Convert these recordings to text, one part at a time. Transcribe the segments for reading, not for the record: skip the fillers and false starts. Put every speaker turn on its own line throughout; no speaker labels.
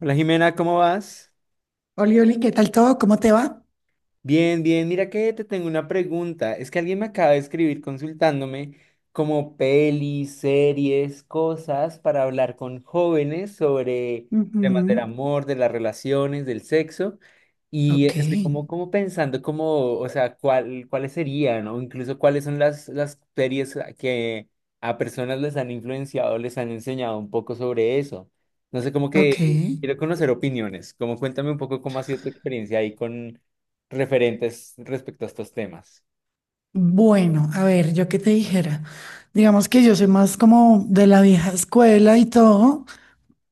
Hola Jimena, ¿cómo vas?
Oli, Oli, ¿qué tal todo? ¿Cómo te va?
Bien, bien, mira que te tengo una pregunta. Es que alguien me acaba de escribir consultándome como pelis, series, cosas para hablar con jóvenes sobre temas del
Ujú.
amor, de las relaciones, del sexo. Y
Ok,
estoy como pensando como, o sea, cuáles serían, o incluso cuáles son las series que a personas les han influenciado, les han enseñado un poco sobre eso. No sé, como
ok.
que quiero conocer opiniones. Como cuéntame un poco cómo ha sido tu experiencia ahí referentes respecto a estos temas.
Bueno, a ver, yo qué te dijera. Digamos que yo soy más como de la vieja escuela y todo,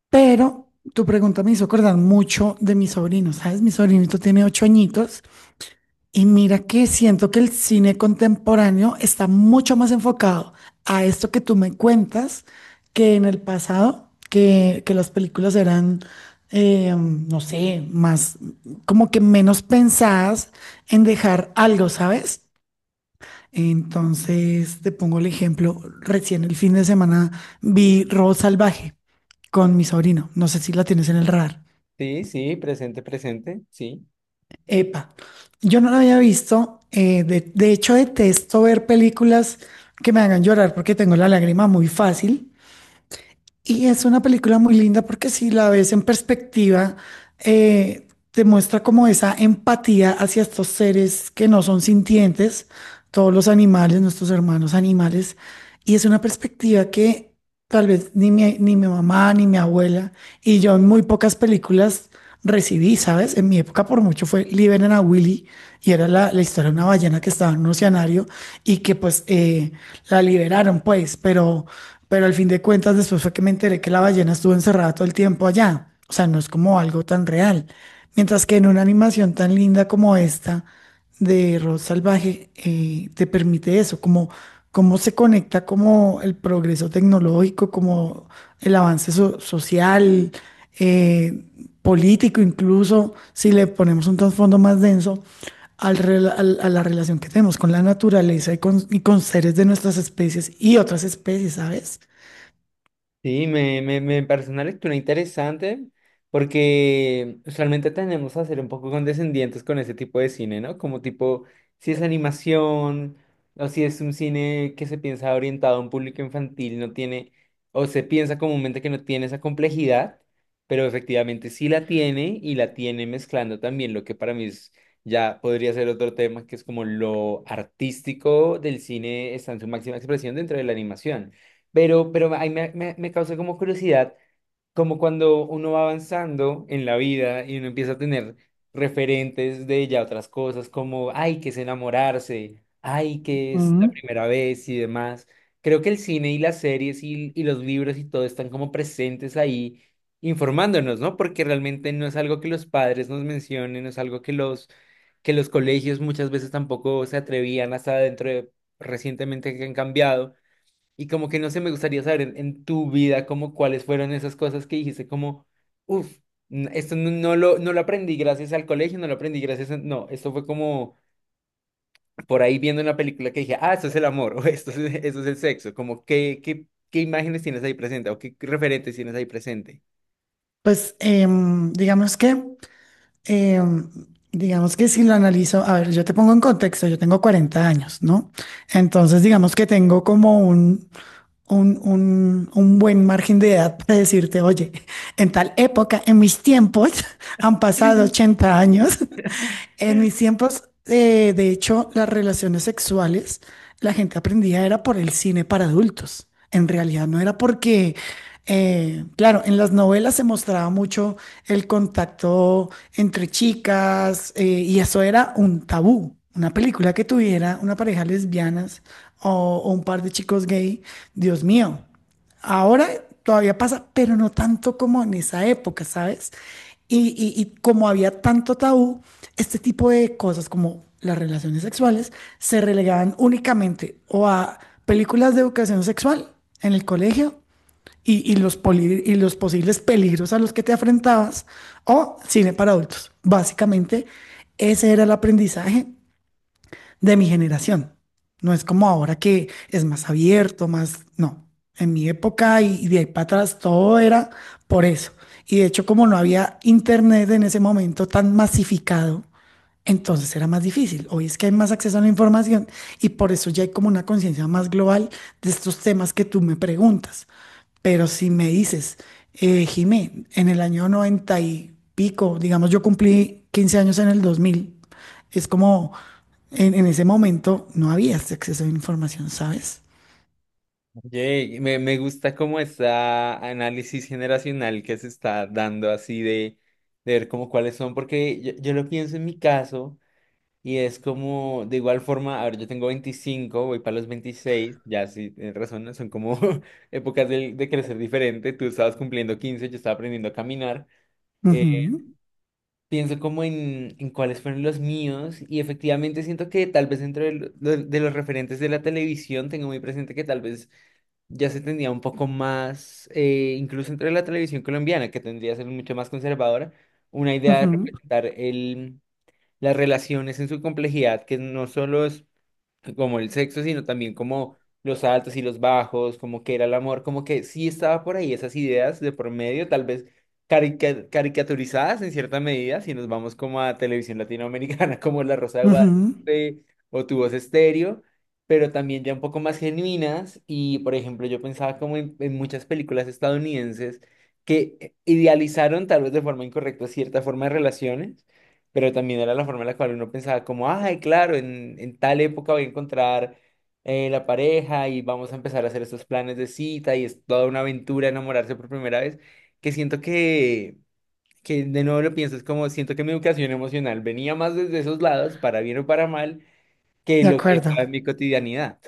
pero tu pregunta me hizo acordar mucho de mi sobrino, ¿sabes? Mi sobrinito tiene 8 añitos. Y mira que siento que el cine contemporáneo está mucho más enfocado a esto que tú me cuentas que en el pasado, que las películas eran, no sé, más como que menos pensadas en dejar algo, ¿sabes? Entonces, te pongo el ejemplo, recién el fin de semana vi Road Salvaje con mi sobrino, no sé si la tienes en el radar.
Sí, sí, presente, presente, sí.
Epa, yo no la había visto. De hecho, detesto ver películas que me hagan llorar porque tengo la lágrima muy fácil. Y es una película muy linda porque si la ves en perspectiva, eh, te muestra como esa empatía hacia estos seres que no son sintientes, todos los animales, nuestros hermanos animales. Y es una perspectiva que tal vez ni mi mamá ni mi abuela y yo en muy pocas películas recibí, ¿sabes? En mi época por mucho fue Liberen a Willy y era la historia de una ballena que estaba en un oceanario y que pues la liberaron pues, pero al fin de cuentas después fue que me enteré que la ballena estuvo encerrada todo el tiempo allá. O sea, no es como algo tan real. Mientras que en una animación tan linda como esta, de Rod Salvaje te permite eso, como cómo se conecta como el progreso tecnológico, como el avance social, eh, político, incluso si le ponemos un trasfondo más denso a la relación que tenemos con la naturaleza y y con seres de nuestras especies y otras especies, ¿sabes?
Sí, me parece una lectura interesante porque usualmente tendemos a ser un poco condescendientes con ese tipo de cine, ¿no? Como tipo, si es animación o si es un cine que se piensa orientado a un público infantil, no tiene, o se piensa comúnmente que no tiene esa complejidad, pero efectivamente sí la tiene y la tiene mezclando también lo que para mí es- ya podría ser otro tema, que es como lo artístico del cine está en su máxima expresión dentro de la animación. Pero ahí me causa como curiosidad, como cuando uno va avanzando en la vida y uno empieza a tener referentes de ya otras cosas, como, ay, que es enamorarse, ay, que es la
Mm.
primera vez y demás. Creo que el cine y las series y los libros y todo están como presentes ahí informándonos, ¿no? Porque realmente no es algo que los padres nos mencionen, no es algo que que los colegios muchas veces tampoco se atrevían hasta dentro de recientemente que han cambiado y como que no sé, me gustaría saber en tu vida como cuáles fueron esas cosas que dijiste como, uff, esto no, no lo aprendí gracias al colegio, no lo aprendí gracias a... No, esto fue como por ahí viendo una película que dije, ah, esto es el amor, o esto es el sexo, como qué imágenes tienes ahí presente o qué referentes tienes ahí presente.
Pues Eh, digamos que si lo analizo, a ver, yo te pongo en contexto, yo tengo 40 años, ¿no? Entonces, digamos que tengo como un buen margen de edad para decirte, oye, en tal época, en mis tiempos, han pasado 80 años, en mis tiempos, de hecho, las relaciones sexuales, la gente aprendía era por el cine para adultos. En realidad no era porque, claro, en las novelas se mostraba mucho el contacto entre chicas y eso era un tabú. Una película que tuviera una pareja lesbianas o un par de chicos gay, Dios mío. Ahora todavía pasa, pero no tanto como en esa época, ¿sabes? Y como había tanto tabú, este tipo de cosas como las relaciones sexuales se relegaban únicamente o a películas de educación sexual en el colegio y los posibles peligros a los que te enfrentabas o cine para adultos. Básicamente, ese era el aprendizaje de mi generación. No es como ahora que es más abierto, más... No, en mi época y de ahí para atrás todo era por eso. Y de hecho, como no había internet en ese momento tan masificado, entonces era más difícil. Hoy es que hay más acceso a la información y por eso ya hay como una conciencia más global de estos temas que tú me preguntas. Pero si me dices, Jimé, en el año 90 y pico, digamos, yo cumplí 15 años en el 2000. Es como en ese momento no había este acceso a la información, ¿sabes?
Oye, me gusta como esta análisis generacional que se está dando así de ver como cuáles son, porque yo lo pienso en mi caso. Y es como, de igual forma, a ver, yo tengo 25, voy para los 26, ya sí, tienes razón, ¿no? Son como épocas del de crecer diferente, tú estabas cumpliendo 15, yo estaba aprendiendo a caminar, eh,
Ujú,
pienso como en cuáles fueron los míos y efectivamente siento que tal vez dentro de, de los referentes de la televisión tengo muy presente que tal vez ya se tendría un poco más, incluso entre la televisión colombiana, que tendría que ser mucho más conservadora, una idea de
ujú,
representar el... las relaciones en su complejidad, que no solo es como el sexo, sino también como los altos y los bajos, como que era el amor, como que sí estaba por ahí esas ideas de por medio, tal vez caricaturizadas en cierta medida, si nos vamos como a televisión latinoamericana, como La Rosa de
ujú.
Guadalupe o Tu Voz Estéreo, pero también ya un poco más genuinas y, por ejemplo, yo pensaba como en muchas películas estadounidenses que idealizaron tal vez de forma incorrecta cierta forma de relaciones, pero también era la forma en la cual uno pensaba como, ay, claro, en tal época voy a encontrar la pareja y vamos a empezar a hacer estos planes de cita y es toda una aventura enamorarse por primera vez, que siento que de nuevo lo pienso, es como siento que mi educación emocional venía más desde esos lados, para bien o para mal, que
De
lo que
acuerdo.
estaba en mi cotidianidad.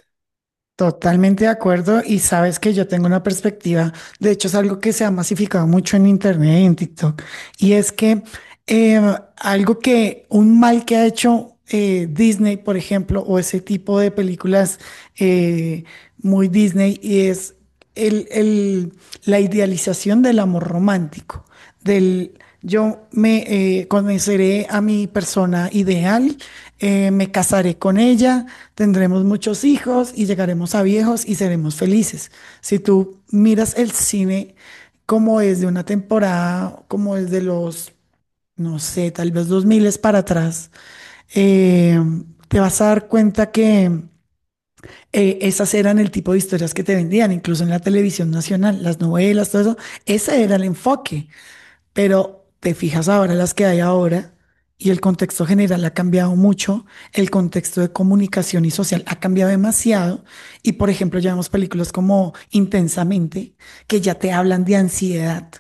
Totalmente de acuerdo y sabes que yo tengo una perspectiva, de hecho es algo que se ha masificado mucho en internet y en TikTok, y es que eh, algo que, un mal que ha hecho Disney, por ejemplo, o ese tipo de películas eh, muy Disney, y es el, el- la idealización del amor romántico, del yo me conoceré a mi persona ideal, me casaré con ella, tendremos muchos hijos y llegaremos a viejos y seremos felices. Si tú miras el cine como es de una temporada, como es de los, no sé, tal vez dos miles para atrás, eh, te vas a dar cuenta que esas eran el tipo de historias que te vendían, incluso en la televisión nacional, las novelas, todo eso, ese era el enfoque. Pero te fijas ahora las que hay ahora y el contexto general ha cambiado mucho, el contexto de comunicación y social ha cambiado demasiado y por ejemplo ya vemos películas como Intensamente que ya te hablan de ansiedad.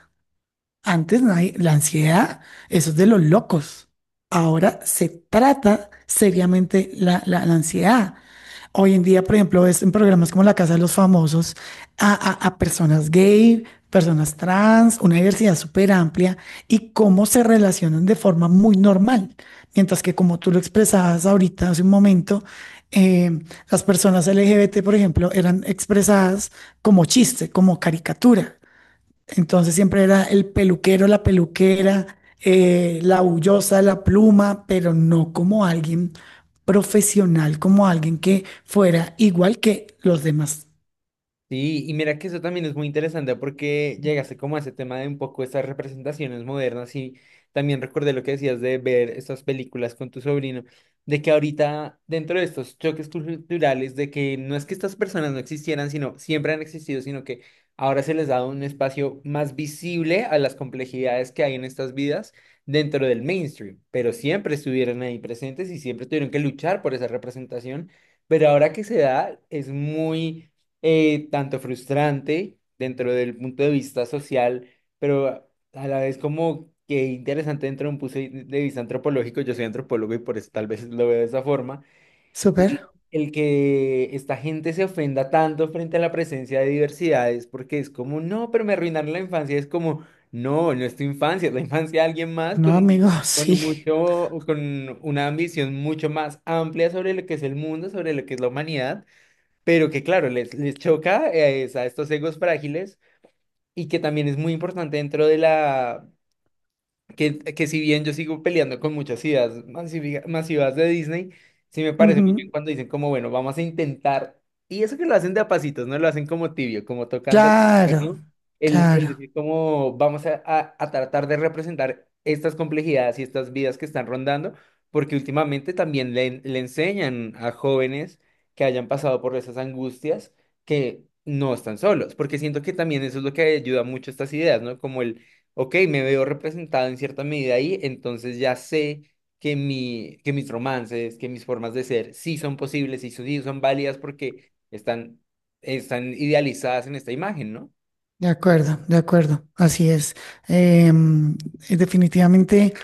Antes nadie- la ansiedad, eso es de los locos. Ahora se trata seriamente la ansiedad. Hoy en día, por ejemplo, ves en programas como La Casa de los Famosos a personas gay, personas trans, una diversidad súper amplia y cómo se relacionan de forma muy normal. Mientras que como tú lo expresabas ahorita hace un momento, eh, las personas LGBT, por ejemplo, eran expresadas como chiste, como caricatura. Entonces siempre era el peluquero, la peluquera, la bullosa, la pluma, pero no como alguien profesional, como alguien que fuera igual que los demás.
Sí, y mira que eso también es muy interesante porque llegaste como a ese tema de un poco estas representaciones modernas y también recordé lo que decías de ver estas películas con tu sobrino, de que ahorita dentro de estos choques culturales, de que no es que estas personas no existieran, sino siempre han existido, sino que ahora se les da un espacio más visible a las complejidades que hay en estas vidas dentro del mainstream, pero siempre estuvieron ahí presentes y siempre tuvieron que luchar por esa representación, pero ahora que se da es muy tanto frustrante dentro del punto de vista social, pero a la vez como que interesante dentro de un punto de vista antropológico. Yo soy antropólogo y por eso tal vez lo veo de esa forma.
Súper,
El que esta gente se ofenda tanto frente a la presencia de diversidades, porque es como, no, pero me arruinaron la infancia. Es como, no, no es tu infancia, es la infancia de alguien más
¿no, amigo?
con
Sí.
mucho, con una ambición mucho más amplia sobre lo que es el mundo, sobre lo que es la humanidad, pero que claro, les choca es a estos egos frágiles y que también es muy importante dentro de la, que si bien yo sigo peleando con muchas ideas masivas de Disney, sí me parece muy bien
Ujú.
cuando dicen como, bueno, vamos a intentar, y eso que lo hacen de a pasitos, no lo hacen como tibio, como tocando,
Claro,
¿no? El
claro.
decir como vamos a, a tratar de representar estas complejidades y estas vidas que están rondando, porque últimamente también le, le enseñan a jóvenes que hayan pasado por esas angustias que no están solos, porque siento que también eso es lo que ayuda mucho a estas ideas, ¿no? Como el ok, me veo representado en cierta medida ahí, entonces ya sé que, que mis romances, que mis formas de ser sí son posibles, sí, sí son válidas porque están, están idealizadas en esta imagen, ¿no?
De acuerdo, de acuerdo. Así es. Em, definitivamente,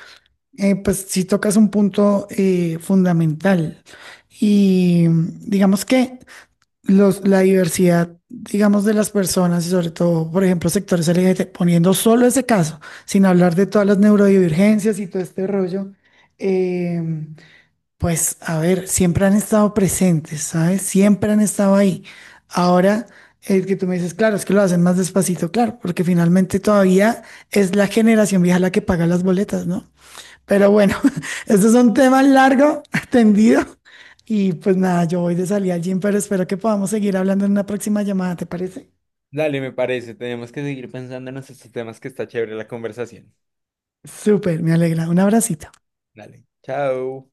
pues sí tocas un punto fundamental. Y digamos que... los, la diversidad, digamos, de las personas y sobre todo, por ejemplo, sectores LGBT, poniendo solo ese caso, sin hablar de todas las neurodivergencias y todo este rollo, eh, pues a ver, siempre han estado presentes, ¿sabes? Siempre han estado ahí. Ahora, el que tú me dices, claro, es que lo hacen más despacito, claro, porque finalmente todavía es la generación vieja la que paga las boletas, ¿no? Pero bueno, este es un tema largo, tendido y pues nada, yo voy de salida al gym, pero espero que podamos seguir hablando en una próxima llamada, ¿te parece?
Dale, me parece, tenemos que seguir pensando en estos temas que está chévere la conversación.
Súper, me alegra. Un abracito.
Dale, chao.